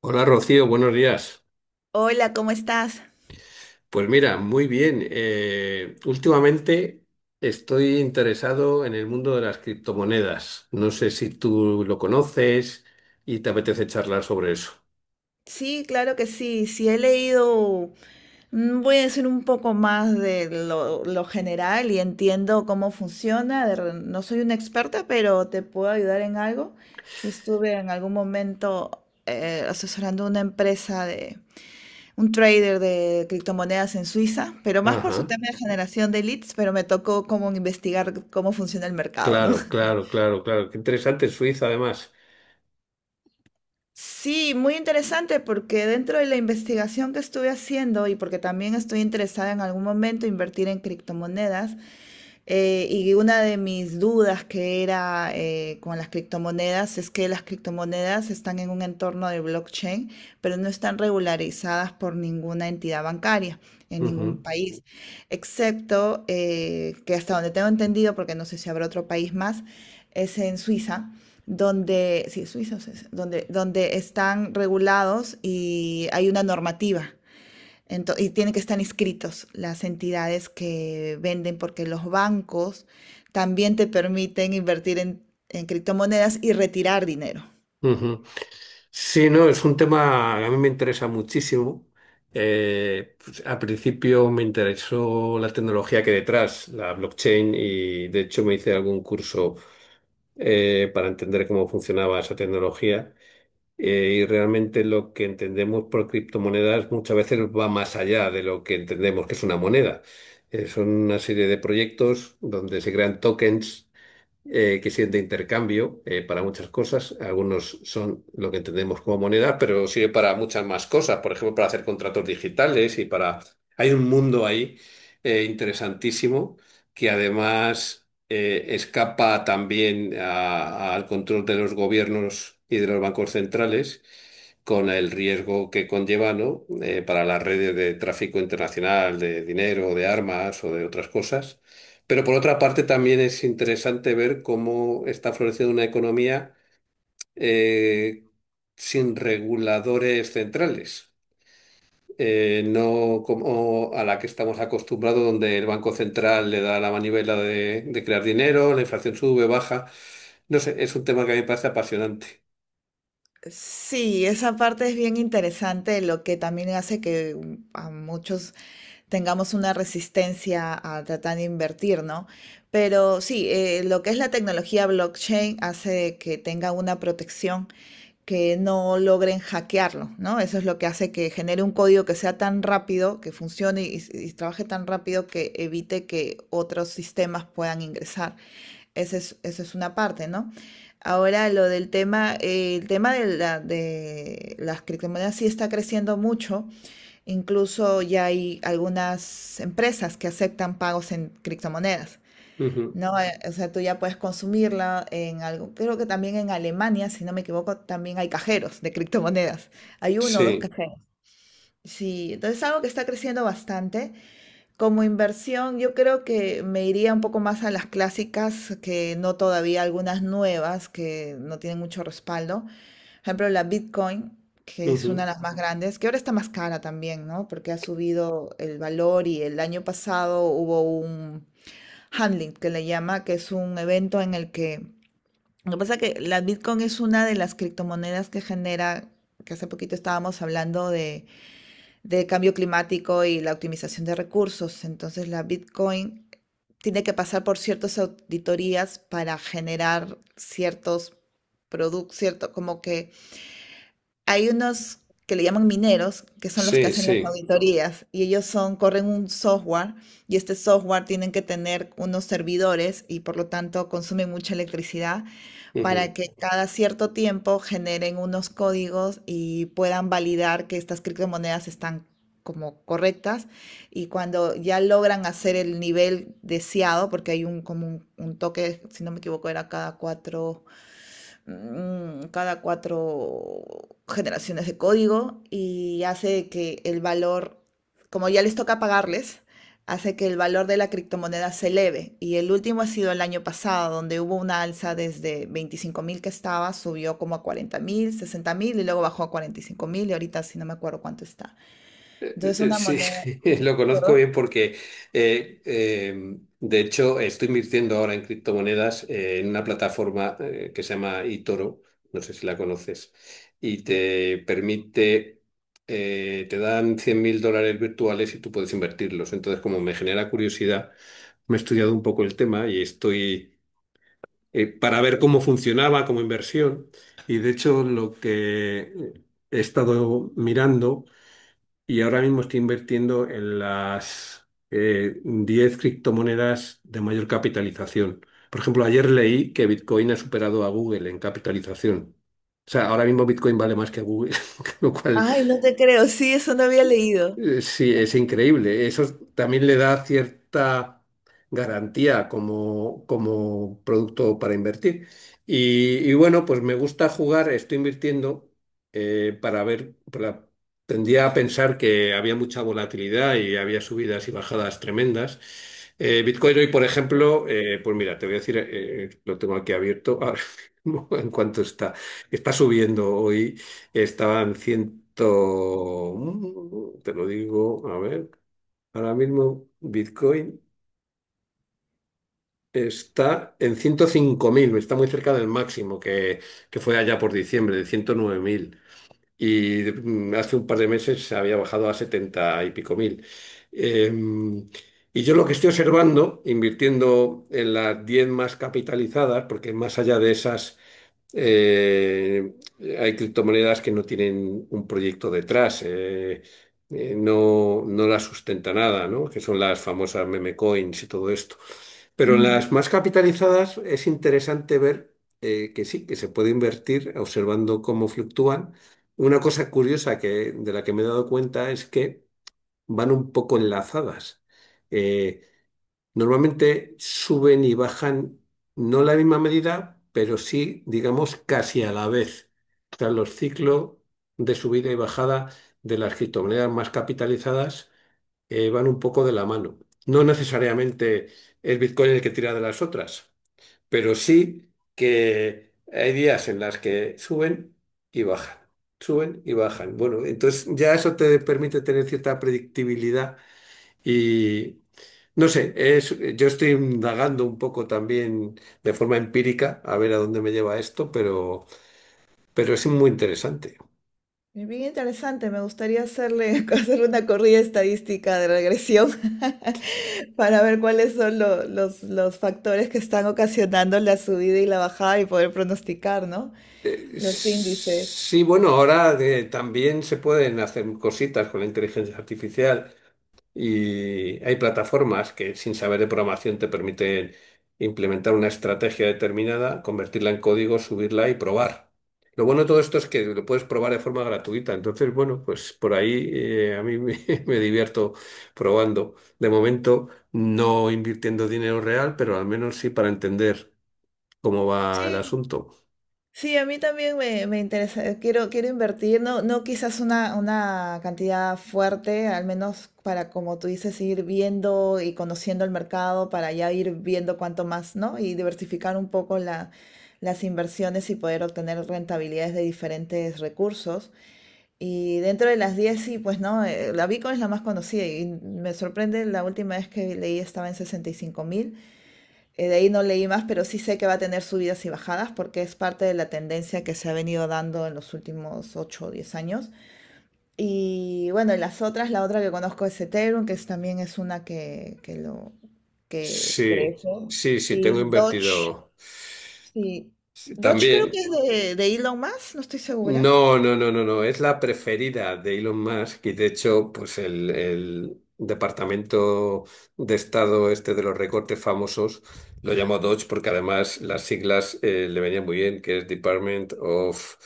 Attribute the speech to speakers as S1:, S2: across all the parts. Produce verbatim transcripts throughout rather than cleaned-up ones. S1: Hola Rocío, buenos días.
S2: Hola, ¿cómo estás?
S1: Pues mira, muy bien. Eh, últimamente estoy interesado en el mundo de las criptomonedas. No sé si tú lo conoces y te apetece charlar sobre eso.
S2: Sí, claro que sí. Sí, he leído, mm, voy a decir un poco más de lo, lo general y entiendo cómo funciona. De re- no soy una experta, pero te puedo ayudar en algo. Si estuve en algún momento eh, asesorando una empresa de un trader de criptomonedas en Suiza, pero más por su
S1: Ajá.
S2: tema de generación de leads, pero me tocó como investigar cómo funciona el mercado, ¿no?
S1: Claro, claro, claro, claro. Qué interesante, Suiza además.
S2: Sí, muy interesante porque dentro de la investigación que estuve haciendo y porque también estoy interesada en algún momento invertir en criptomonedas. Eh, y una de mis dudas que era eh, con las criptomonedas es que las criptomonedas están en un entorno de blockchain, pero no están regularizadas por ninguna entidad bancaria en ningún país, excepto eh, que hasta donde tengo entendido, porque no sé si habrá otro país más, es en Suiza, donde, sí, Suiza, o sea, donde, donde están regulados y hay una normativa. Ento- y tienen que estar inscritos las entidades que venden porque los bancos también te permiten invertir en, en criptomonedas y retirar dinero.
S1: Ujú, ujú. Sí, no, es un tema que a mí me interesa muchísimo. Eh, pues, al principio me interesó la tecnología que hay detrás, la blockchain, y de hecho me hice algún curso eh, para entender cómo funcionaba esa tecnología. Eh, y realmente lo que entendemos por criptomonedas muchas veces va más allá de lo que entendemos que es una moneda. Eh, son una serie de proyectos donde se crean tokens eh, que sirven de intercambio eh, para muchas cosas. Algunos son lo que entendemos como moneda, pero sirve para muchas más cosas, por ejemplo, para hacer contratos digitales y para... Hay un mundo ahí eh, interesantísimo que además eh, escapa también a- al control de los gobiernos y de los bancos centrales con el riesgo que conlleva, ¿no? Eh, para las redes de tráfico internacional de dinero, de armas o de otras cosas. Pero por otra parte también es interesante ver cómo está floreciendo una economía eh, sin reguladores centrales, eh, no como a la que estamos acostumbrados, donde el Banco Central le da la manivela de, de crear dinero, la inflación sube, baja. No sé, es un tema que a mí me parece apasionante.
S2: Sí, esa parte es bien interesante, lo que también hace que, mm, a muchos tengamos una resistencia a tratar de invertir, ¿no? Pero sí, eh, lo que es la tecnología blockchain hace que tenga una protección que no logren hackearlo, ¿no? Eso es lo que hace que genere un código que sea tan rápido, que funcione y, y trabaje tan rápido que evite que otros sistemas puedan ingresar. Esa es, esa es una parte, ¿no? Ahora lo del tema, eh, el tema de, la, de las criptomonedas sí está creciendo mucho. Incluso ya hay algunas empresas que aceptan pagos en criptomonedas,
S1: Ujú.
S2: ¿no? Eh, O sea, tú ya puedes consumirla en algo. Creo que también en Alemania, si no me equivoco, también hay cajeros de criptomonedas. Hay uno o dos
S1: Sí,
S2: cajeros. Sí, entonces es algo que está creciendo bastante. Como inversión, yo creo que me iría un poco más a las clásicas, que no todavía algunas nuevas que no tienen mucho respaldo, ejemplo, la Bitcoin, que es una de
S1: ujú.
S2: las más grandes, que ahora está más cara también, ¿no? Porque ha subido el valor y el año pasado hubo un handling que le llama, que es un evento en el que... Lo que pasa es que la Bitcoin es una de las criptomonedas que genera, que hace poquito estábamos hablando de, de cambio climático y la optimización de recursos. Entonces la Bitcoin tiene que pasar por ciertas auditorías para generar ciertos productos, cierto, como que hay unos que le llaman mineros, que son los que
S1: Sí,
S2: hacen las
S1: sí.
S2: auditorías, y ellos son, corren un software, y este software tienen que tener unos servidores y por lo tanto consumen mucha electricidad para
S1: Ujú.
S2: que cada cierto tiempo generen unos códigos y puedan validar que estas criptomonedas están como correctas, y cuando ya logran hacer el nivel deseado, porque hay un como un, un toque, si no me equivoco, era cada cuatro mm, cada cuatro generaciones de código y hace que el valor, como ya les toca pagarles, hace que el valor de la criptomoneda se eleve. Y el último ha sido el año pasado, donde hubo una alza desde veinticinco mil que estaba, subió como a cuarenta mil, sesenta mil y luego bajó a cuarenta y cinco mil y ahorita sí no me acuerdo cuánto está.
S1: Eh, eh,
S2: Entonces
S1: eh,
S2: una
S1: Sí,
S2: moneda...
S1: lo conozco
S2: ¿Perdón?
S1: bien porque, eh, eh, de hecho, estoy invirtiendo ahora en criptomonedas eh, en una plataforma eh, que se llama eToro, no sé si la conoces, y te permite, eh, te dan cien mil dólares virtuales y tú puedes invertirlos. Entonces, como me genera curiosidad, me he estudiado un poco el tema y estoy eh, para ver cómo funcionaba como inversión. Y de hecho, lo que he estado mirando y ahora mismo estoy invirtiendo en las eh, diez criptomonedas de mayor capitalización. Por ejemplo, ayer leí que Bitcoin ha superado a Google en capitalización. O sea, ahora mismo Bitcoin vale más que Google, lo cual
S2: Ay, no te creo, sí, eso no había leído.
S1: eh, sí, es increíble. Eso también le da cierta garantía como, como producto para invertir. Y, y bueno, pues me gusta jugar, estoy invirtiendo eh, para ver, para- Tendía a pensar que había mucha volatilidad y había subidas y bajadas tremendas. Eh, Bitcoin hoy, por ejemplo, eh, pues mira, te voy a decir, eh, eh, lo tengo aquí abierto ahora mismo en cuanto está. Está subiendo hoy. Estaba en ciento, mm, te lo digo, a ver, ahora mismo Bitcoin está en ciento cinco mil, está muy cerca del máximo que, que fue allá por diciembre, de ciento nueve mil. Y mm, hace un par de meses se había bajado a setenta y pico mil. Em, y yo lo que estoy observando, invirtiendo en las diez más capitalizadas, porque más allá de esas eh, hay criptomonedas que no tienen un proyecto detrás, eh, eh, no, no las sustenta nada, ¿no? Que son las famosas meme coins y todo esto. Pero en
S2: Ujú.
S1: las más capitalizadas es interesante ver eh, que sí, que se puede invertir observando cómo fluctúan. Una cosa curiosa que, de la que me he dado cuenta, es que van un poco enlazadas. Eh, Normalmente suben y bajan, no la misma medida, pero sí, digamos, casi a la vez. Tras los ciclos de subida y bajada de las criptomonedas más capitalizadas, eh, van un poco de la mano. No necesariamente es Bitcoin el que tira de las otras, pero sí que hay días en las que suben y bajan, suben y bajan. Bueno, entonces ya eso te permite tener cierta predictibilidad y no sé, es, yo estoy indagando un poco también de forma empírica a ver a dónde me lleva esto, pero, pero es muy interesante.
S2: Es bien interesante, me gustaría hacerle, hacerle una corrida estadística de regresión para ver cuáles son lo- los, los factores que están ocasionando la subida y la bajada y poder pronosticar, ¿no?
S1: Eh,
S2: Los índices.
S1: sí, bueno, ahora de- también se pueden hacer cositas con la inteligencia artificial. Y hay plataformas que sin saber de programación te permiten implementar una estrategia determinada, convertirla en código, subirla y probar. Lo bueno de todo esto es que lo puedes probar de forma gratuita. Entonces, bueno, pues por ahí eh, a mí me, me divierto probando. De momento, no invirtiendo dinero real, pero al menos sí para entender cómo va el
S2: Sí,
S1: asunto.
S2: sí, a mí también me, me interesa, quiero, quiero invertir, no, no quizás una, una cantidad fuerte, al menos para, como tú dices, ir viendo y conociendo el mercado, para ya ir viendo cuánto más, ¿no? Y diversificar un poco la, las inversiones y poder obtener rentabilidades de diferentes recursos. Y dentro de las diez sí, pues no. Eh, la Bitcoin es la más conocida y me sorprende, la última vez que leí estaba en sesenta y cinco mil eh, de ahí no leí más, pero sí sé que va a tener subidas y bajadas porque es parte de la tendencia que se ha venido dando en los últimos ocho o diez años. Y bueno, y las otras, la otra que conozco es Ethereum, que es, también es una que, que lo que
S1: Sí,
S2: crece.
S1: sí, sí, tengo
S2: Y Doge,
S1: invertido.
S2: sí.
S1: Sí,
S2: Doge creo que
S1: también.
S2: es de, de Elon Musk, no estoy segura.
S1: No, no, no, no, no. Es la preferida de Elon Musk y de hecho, pues el, el Departamento de Estado este de los recortes famosos lo llamó Dodge porque además las siglas eh, le venían muy bien, que es Department of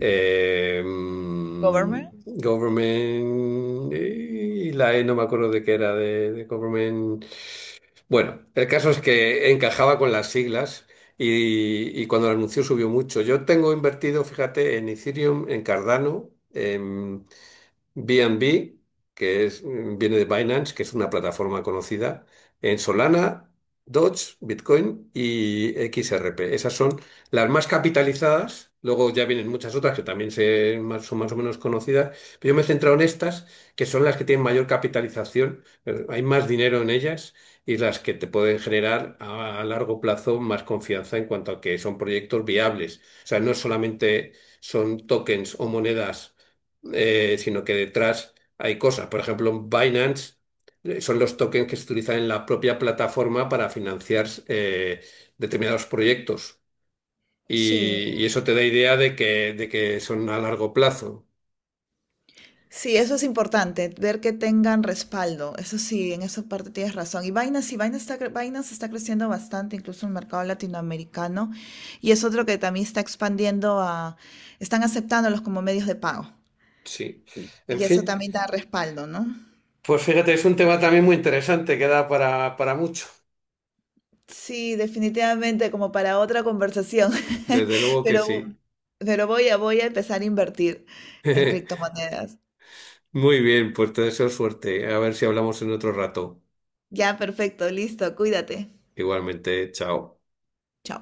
S1: eh, mm,
S2: Government.
S1: Government, y la E no me acuerdo de qué era, de, de Government. Bueno, el caso es que encajaba con las siglas y, y cuando lo anunció subió mucho. Yo tengo invertido, fíjate, en Ethereum, en Cardano. B N B, que es, mm, viene de Binance, que es una plataforma conocida, en Solana, Doge, Bitcoin y X R P. Esas son las más capitalizadas. Luego ya vienen muchas otras que también se- más- son más o menos conocidas. Pero yo me he centrado en estas, que son las que tienen mayor capitalización. eh, Hay más dinero en ellas y las que te pueden generar a, a largo plazo más confianza en cuanto a que son proyectos viables. O sea, no solamente son tokens o monedas eh, sino que detrás hay cosas. Por ejemplo, Binance eh, son los tokens que se utilizan en la propia plataforma para financiar eh, determinados proyectos. Y,
S2: Sí,
S1: y eso te da idea de que, de que son a largo plazo.
S2: sí, eso es importante, ver que tengan respaldo. Eso sí, en esa parte tienes razón. Y Binance, sí, Binance está, cre- Binance está creciendo bastante, incluso en el mercado latinoamericano. Y es otro que también está expandiendo a, están aceptándolos como medios de pago.
S1: Sí.
S2: Sí.
S1: En
S2: Y eso
S1: fin,
S2: también da respaldo, ¿no?
S1: pues fíjate, es un tema también muy interesante que da para, para mucho.
S2: Sí, definitivamente, como para otra conversación.
S1: Desde luego que
S2: Pero,
S1: sí.
S2: Ujú. Pero voy a, voy a empezar a invertir en criptomonedas.
S1: Muy bien, pues te deseo suerte. A ver si hablamos en otro rato.
S2: Ya, perfecto, listo, cuídate.
S1: Igualmente, chao.
S2: Chao.